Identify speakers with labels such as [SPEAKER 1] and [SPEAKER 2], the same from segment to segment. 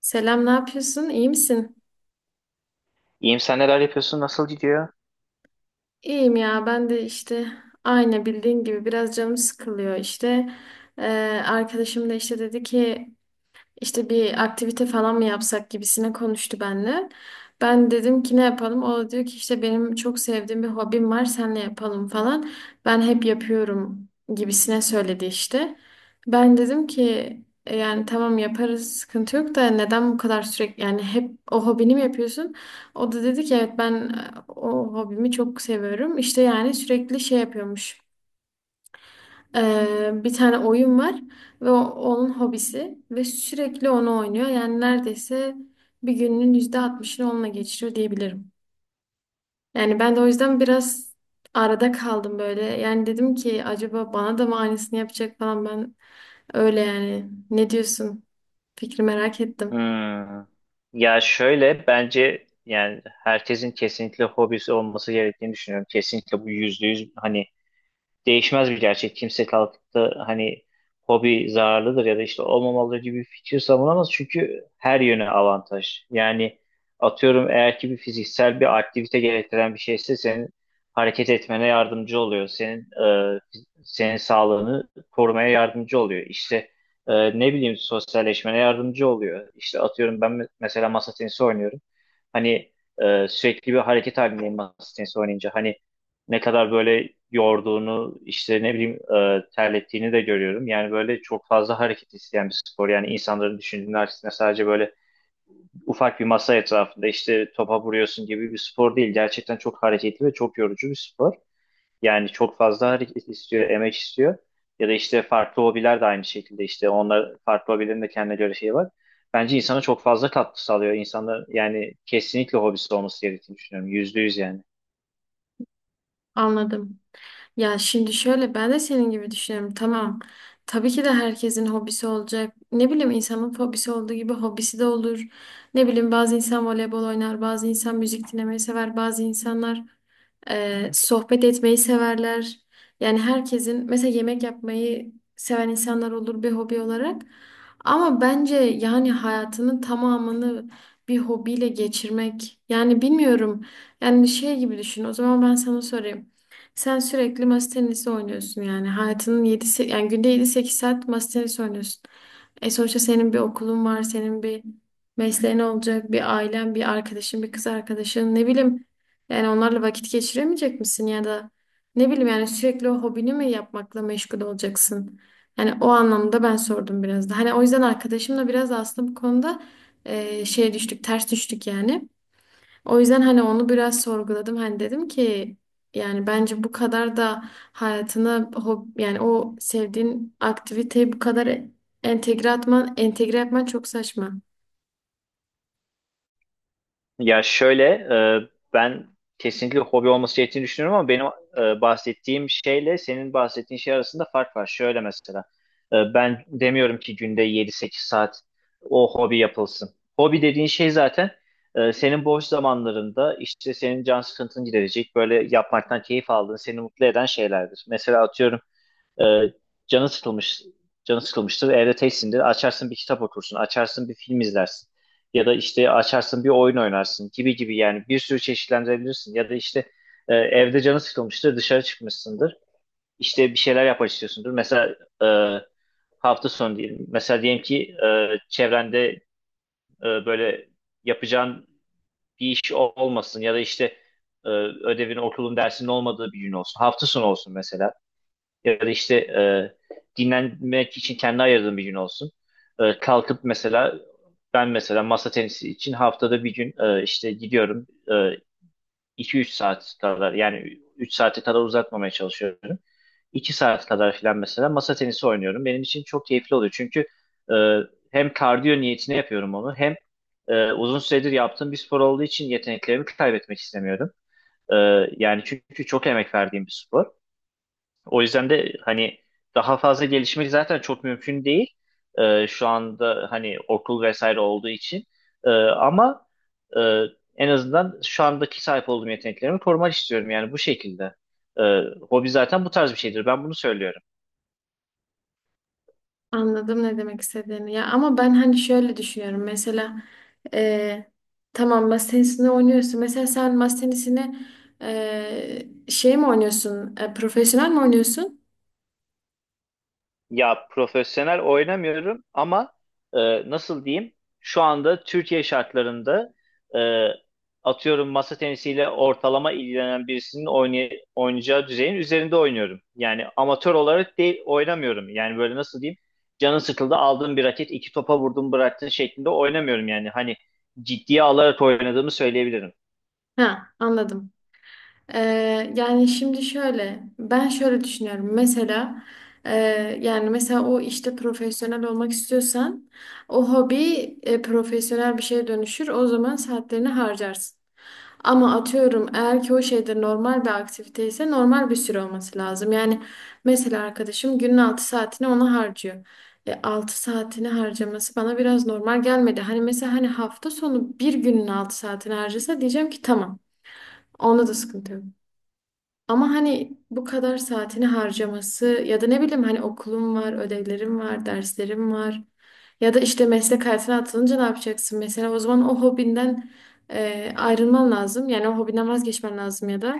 [SPEAKER 1] Selam, ne yapıyorsun? İyi misin?
[SPEAKER 2] İyiyim sen neler yapıyorsun? Nasıl gidiyor?
[SPEAKER 1] İyiyim ya, ben de işte aynı bildiğin gibi biraz canım sıkılıyor işte. Ee, Arkadaşım da işte dedi ki İşte bir aktivite falan mı yapsak gibisine konuştu benimle. Ben dedim ki ne yapalım? O da diyor ki işte benim çok sevdiğim bir hobim var, senle yapalım falan. Ben hep yapıyorum gibisine söyledi işte. Ben dedim ki " yani tamam yaparız, sıkıntı yok da neden bu kadar sürekli, yani hep o hobini mi yapıyorsun? O da dedi ki evet, ben o hobimi çok seviyorum. İşte yani sürekli şey yapıyormuş. Bir tane oyun var ve onun hobisi ve sürekli onu oynuyor. Yani neredeyse bir gününün %60'ını onunla geçiriyor diyebilirim. Yani ben de o yüzden biraz arada kaldım böyle. Yani dedim ki acaba bana da mı aynısını yapacak falan, ben öyle yani. Ne diyorsun? Fikri merak ettim.
[SPEAKER 2] Hmm. Ya şöyle bence yani herkesin kesinlikle hobisi olması gerektiğini düşünüyorum. Kesinlikle bu %100, hani değişmez bir gerçek. Kimse kalkıp da hani hobi zararlıdır ya da işte olmamalı gibi bir fikir savunamaz. Çünkü her yöne avantaj. Yani atıyorum eğer ki bir fiziksel bir aktivite gerektiren bir şeyse senin hareket etmene yardımcı oluyor. E, senin sağlığını korumaya yardımcı oluyor. İşte ne bileyim sosyalleşmene yardımcı oluyor. İşte atıyorum ben mesela masa tenisi oynuyorum. Hani sürekli bir hareket halindeyim masa tenisi oynayınca. Hani ne kadar böyle yorduğunu işte ne bileyim terlettiğini de görüyorum. Yani böyle çok fazla hareket isteyen bir spor. Yani insanların düşündüğünün aksine sadece böyle ufak bir masa etrafında işte topa vuruyorsun gibi bir spor değil. Gerçekten çok hareketli ve çok yorucu bir spor. Yani çok fazla hareket istiyor, emek istiyor. Ya da işte farklı hobiler de aynı şekilde işte onlar farklı hobilerin de kendine göre şeyi var. Bence insana çok fazla katkı sağlıyor. İnsanlar yani kesinlikle hobisi olması gerektiğini düşünüyorum. %100 yani.
[SPEAKER 1] Anladım. Ya şimdi şöyle, ben de senin gibi düşünüyorum. Tamam. Tabii ki de herkesin hobisi olacak. Ne bileyim, insanın hobisi olduğu gibi hobisi de olur. Ne bileyim, bazı insan voleybol oynar, bazı insan müzik dinlemeyi sever, bazı insanlar sohbet etmeyi severler. Yani herkesin mesela yemek yapmayı seven insanlar olur bir hobi olarak. Ama bence yani hayatının tamamını bir hobiyle geçirmek, yani bilmiyorum. Yani şey gibi düşün. O zaman ben sana sorayım. Sen sürekli masa tenisi oynuyorsun yani. Hayatının 7 yani günde yedi sekiz saat masa tenisi oynuyorsun. E sonuçta senin bir okulun var, senin bir mesleğin olacak, bir ailen, bir arkadaşın, bir kız arkadaşın, ne bileyim. Yani onlarla vakit geçiremeyecek misin ya da ne bileyim, yani sürekli o hobini mi yapmakla meşgul olacaksın? Yani o anlamda ben sordum biraz da. Hani o yüzden arkadaşımla biraz da aslında bu konuda şey düştük, ters düştük yani. O yüzden hani onu biraz sorguladım. Hani dedim ki yani bence bu kadar da hayatına hob yani o sevdiğin aktiviteyi bu kadar entegre atman, entegre yapman çok saçma.
[SPEAKER 2] Ya şöyle ben kesinlikle hobi olması gerektiğini düşünüyorum ama benim bahsettiğim şeyle senin bahsettiğin şey arasında fark var. Şöyle mesela ben demiyorum ki günde 7-8 saat o hobi yapılsın. Hobi dediğin şey zaten senin boş zamanlarında işte senin can sıkıntını giderecek böyle yapmaktan keyif aldığın seni mutlu eden şeylerdir. Mesela atıyorum ee, canı sıkılmış, canı sıkılmıştır. Evde teksindir. Açarsın bir kitap okursun. Açarsın bir film izlersin. Ya da işte açarsın bir oyun oynarsın gibi gibi yani bir sürü çeşitlendirebilirsin. Ya da işte evde canı sıkılmıştır. Dışarı çıkmışsındır. İşte bir şeyler yapmak istiyorsundur. Mesela e, hafta sonu diyelim. Mesela diyelim ki çevrende böyle yapacağın bir iş olmasın ya da işte e, ödevin, okulun, dersinin olmadığı bir gün olsun. Hafta sonu olsun mesela ya da işte dinlenmek için kendi ayırdığım bir gün olsun. Kalkıp mesela ben mesela masa tenisi için haftada bir gün işte gidiyorum 2-3 saat kadar yani 3 saate kadar uzatmamaya çalışıyorum. 2 saat kadar filan mesela masa tenisi oynuyorum. Benim için çok keyifli oluyor çünkü e, hem kardiyo niyetine yapıyorum onu hem uzun süredir yaptığım bir spor olduğu için yeteneklerimi kaybetmek istemiyorum. E, Yani çünkü çok emek verdiğim bir spor. O yüzden de hani daha fazla gelişmek zaten çok mümkün değil. Şu anda hani okul vesaire olduğu için. Ama e, en azından şu andaki sahip olduğum yeteneklerimi korumak istiyorum yani bu şekilde. Ee, Hobi zaten bu tarz bir şeydir. Ben bunu söylüyorum.
[SPEAKER 1] Anladım ne demek istediğini. Ya ama ben hani şöyle düşünüyorum. Mesela e, tamam, masa tenisini oynuyorsun. Mesela sen masa tenisini şey mi oynuyorsun? E, profesyonel mi oynuyorsun?
[SPEAKER 2] Ya profesyonel oynamıyorum ama nasıl diyeyim? Şu anda Türkiye şartlarında e, atıyorum masa tenisiyle ortalama ilgilenen birisinin oynayacağı düzeyin üzerinde oynuyorum. Yani amatör olarak değil oynamıyorum. Yani böyle nasıl diyeyim? Canın sıkıldı aldın bir raket iki topa vurdun bıraktın şeklinde oynamıyorum yani. Hani ciddiye alarak oynadığımı söyleyebilirim.
[SPEAKER 1] Ha, anladım. Yani şimdi şöyle, ben şöyle düşünüyorum. Mesela e, yani mesela o işte profesyonel olmak istiyorsan o hobi profesyonel bir şeye dönüşür. O zaman saatlerini harcarsın. Ama atıyorum, eğer ki o şeyde normal bir aktivite ise normal bir süre olması lazım. Yani mesela arkadaşım günün 6 saatini ona harcıyor. E, 6 saatini harcaması bana biraz normal gelmedi. Hani mesela hani hafta sonu bir günün 6 saatini harcasa diyeceğim ki tamam. Onda da sıkıntı yok. Ama hani bu kadar saatini harcaması ya da ne bileyim, hani okulum var, ödevlerim var, derslerim var. Ya da işte meslek hayatına atılınca ne yapacaksın? Mesela o zaman o hobinden ayrılman lazım. Yani o hobinden vazgeçmen lazım ya da.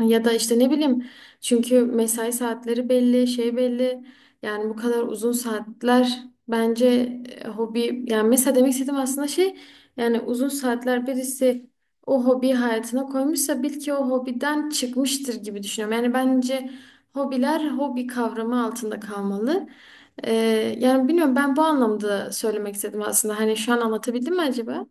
[SPEAKER 1] Ya da işte ne bileyim, çünkü mesai saatleri belli, şey belli. Yani bu kadar uzun saatler bence hobi yani mesela demek istediğim aslında şey, yani uzun saatler birisi o hobi hayatına koymuşsa bil ki o hobiden çıkmıştır gibi düşünüyorum. Yani bence hobiler hobi kavramı altında kalmalı. Ee, Yani bilmiyorum, ben bu anlamda söylemek istedim aslında. Hani şu an anlatabildim mi acaba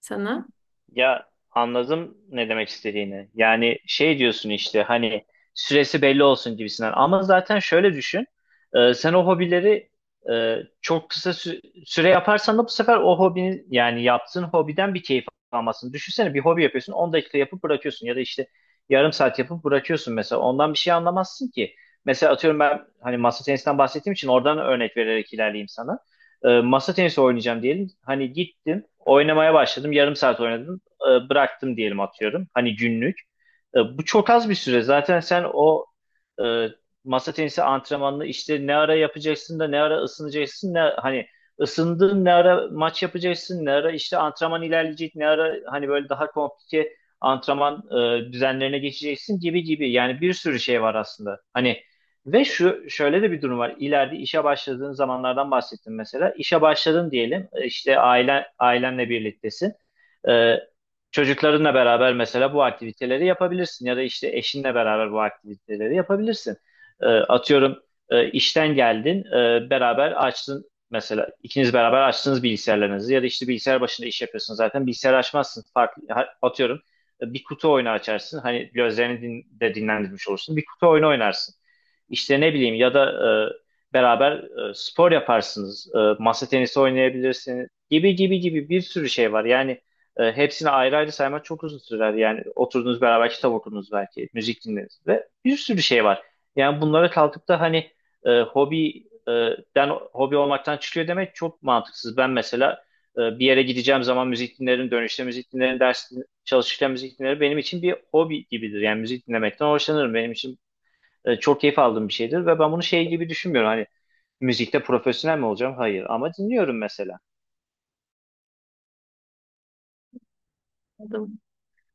[SPEAKER 1] sana?
[SPEAKER 2] Ya anladım ne demek istediğini. Yani şey diyorsun işte hani süresi belli olsun gibisinden. Ama zaten şöyle düşün. Sen o hobileri e, çok kısa süre yaparsan da bu sefer o hobinin yani yaptığın hobiden bir keyif almasın. Düşünsene bir hobi yapıyorsun 10 dakika yapıp bırakıyorsun ya da işte yarım saat yapıp bırakıyorsun mesela. Ondan bir şey anlamazsın ki. Mesela atıyorum ben hani masa tenisinden bahsettiğim için oradan örnek vererek ilerleyeyim sana. Masa tenisi oynayacağım diyelim. Hani gittim, oynamaya başladım. Yarım saat oynadım bıraktım diyelim atıyorum. Hani günlük. Bu çok az bir süre. Zaten sen o e, masa tenisi antrenmanını işte ne ara yapacaksın da ne ara ısınacaksın ne hani ısındın ne ara maç yapacaksın ne ara işte antrenman ilerleyecek ne ara hani böyle daha komplike antrenman düzenlerine geçeceksin gibi gibi. Yani bir sürü şey var aslında. Hani ve şu şöyle de bir durum var. İleride işe başladığın zamanlardan bahsettim mesela. İşe başladın diyelim. İşte ailenle birliktesin. Ee, Çocuklarınla beraber mesela bu aktiviteleri yapabilirsin ya da işte eşinle beraber bu aktiviteleri yapabilirsin. Atıyorum işten geldin, beraber açtın mesela ikiniz beraber açtınız bilgisayarlarınızı ya da işte bilgisayar başında iş yapıyorsun zaten bilgisayar açmazsın farklı atıyorum bir kutu oyunu açarsın hani gözlerini de dinlendirmiş olursun bir kutu oyunu oynarsın. İşte ne bileyim ya da beraber spor yaparsınız, masa tenisi oynayabilirsiniz gibi gibi gibi bir sürü şey var yani. Hepsini ayrı ayrı saymak çok uzun sürer. Yani oturdunuz beraber kitap okudunuz belki, müzik dinlediniz ve bir sürü şey var. Yani bunlara kalkıp da hani e, hobi e, den hobi olmaktan çıkıyor demek çok mantıksız. Ben mesela bir yere gideceğim zaman müzik dinlerim, dönüşte müzik dinlerim, çalışırken müzik dinlerim. Benim için bir hobi gibidir. Yani müzik dinlemekten hoşlanırım. Benim için çok keyif aldığım bir şeydir ve ben bunu şey gibi düşünmüyorum. Hani müzikte profesyonel mi olacağım? Hayır. Ama dinliyorum mesela.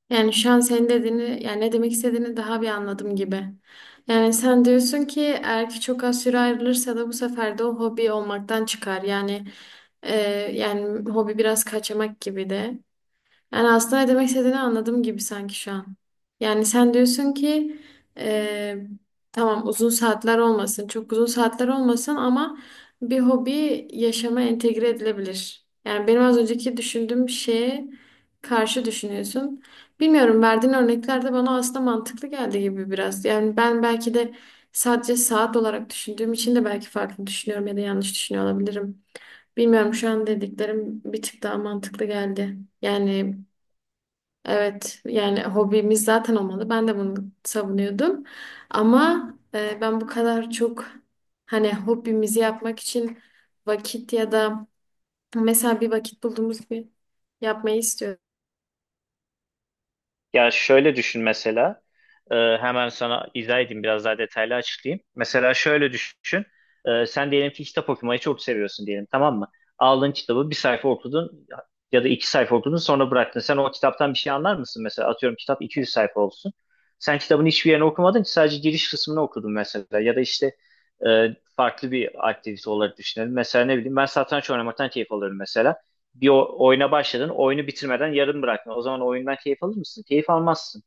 [SPEAKER 1] Yani şu an senin dediğini, yani ne demek istediğini daha bir anladım gibi. Yani sen diyorsun ki eğer ki çok az süre ayrılırsa da bu sefer de o hobi olmaktan çıkar. Yani e, yani hobi biraz kaçamak gibi de. Yani aslında ne demek istediğini anladım gibi sanki şu an. Yani sen diyorsun ki e, tamam uzun saatler olmasın, çok uzun saatler olmasın ama bir hobi yaşama entegre edilebilir. Yani benim az önceki düşündüğüm şeye karşı düşünüyorsun. Bilmiyorum, verdiğin örnekler de bana aslında mantıklı geldi gibi biraz. Yani ben belki de sadece saat olarak düşündüğüm için de belki farklı düşünüyorum ya da yanlış düşünüyor olabilirim. Bilmiyorum, şu an dediklerim bir tık daha mantıklı geldi. Yani evet, yani hobimiz zaten olmalı. Ben de bunu savunuyordum. Ama ben bu kadar çok hani hobimizi yapmak için vakit ya da mesela bir vakit bulduğumuz gibi yapmayı istiyorum.
[SPEAKER 2] Ya şöyle düşün mesela. Hemen sana izah edeyim biraz daha detaylı açıklayayım. Mesela şöyle düşün. Sen diyelim ki kitap okumayı çok seviyorsun diyelim, tamam mı? Aldın kitabı bir sayfa okudun ya da 2 sayfa okudun sonra bıraktın. Sen o kitaptan bir şey anlar mısın mesela? Atıyorum kitap 200 sayfa olsun. Sen kitabın hiçbir yerini okumadın ki sadece giriş kısmını okudun mesela. Ya da işte e, farklı bir aktivite olarak düşünelim. Mesela ne bileyim ben satranç oynamaktan keyif alıyorum mesela bir oyuna başladın, oyunu bitirmeden yarım bırakma. O zaman oyundan keyif alır mısın? Keyif almazsın.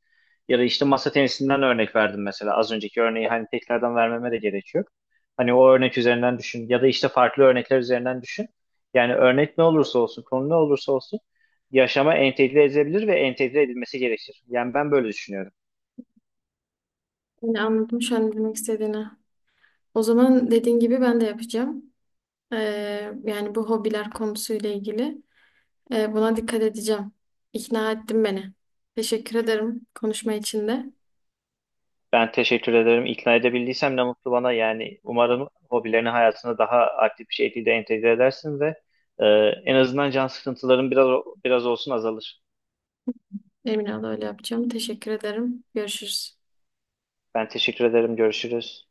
[SPEAKER 2] Ya da işte masa tenisinden örnek verdim mesela. Az önceki örneği hani tekrardan vermeme de gerek yok. Hani o örnek üzerinden düşün ya da işte farklı örnekler üzerinden düşün. Yani örnek ne olursa olsun, konu ne olursa olsun yaşama entegre edilebilir ve entegre edilmesi gerekir. Yani ben böyle düşünüyorum.
[SPEAKER 1] Yani anladım şu an ne demek istediğini. O zaman dediğin gibi ben de yapacağım. E, Yani bu hobiler konusuyla ilgili, e, buna dikkat edeceğim. İkna ettin beni. Teşekkür ederim konuşma için de.
[SPEAKER 2] Ben teşekkür ederim. İkna edebildiysem ne mutlu bana. Yani umarım hobilerini hayatına daha aktif bir şekilde entegre edersin ve e, en azından can sıkıntıların biraz biraz olsun azalır.
[SPEAKER 1] Emin ol öyle yapacağım. Teşekkür ederim. Görüşürüz.
[SPEAKER 2] Ben teşekkür ederim. Görüşürüz.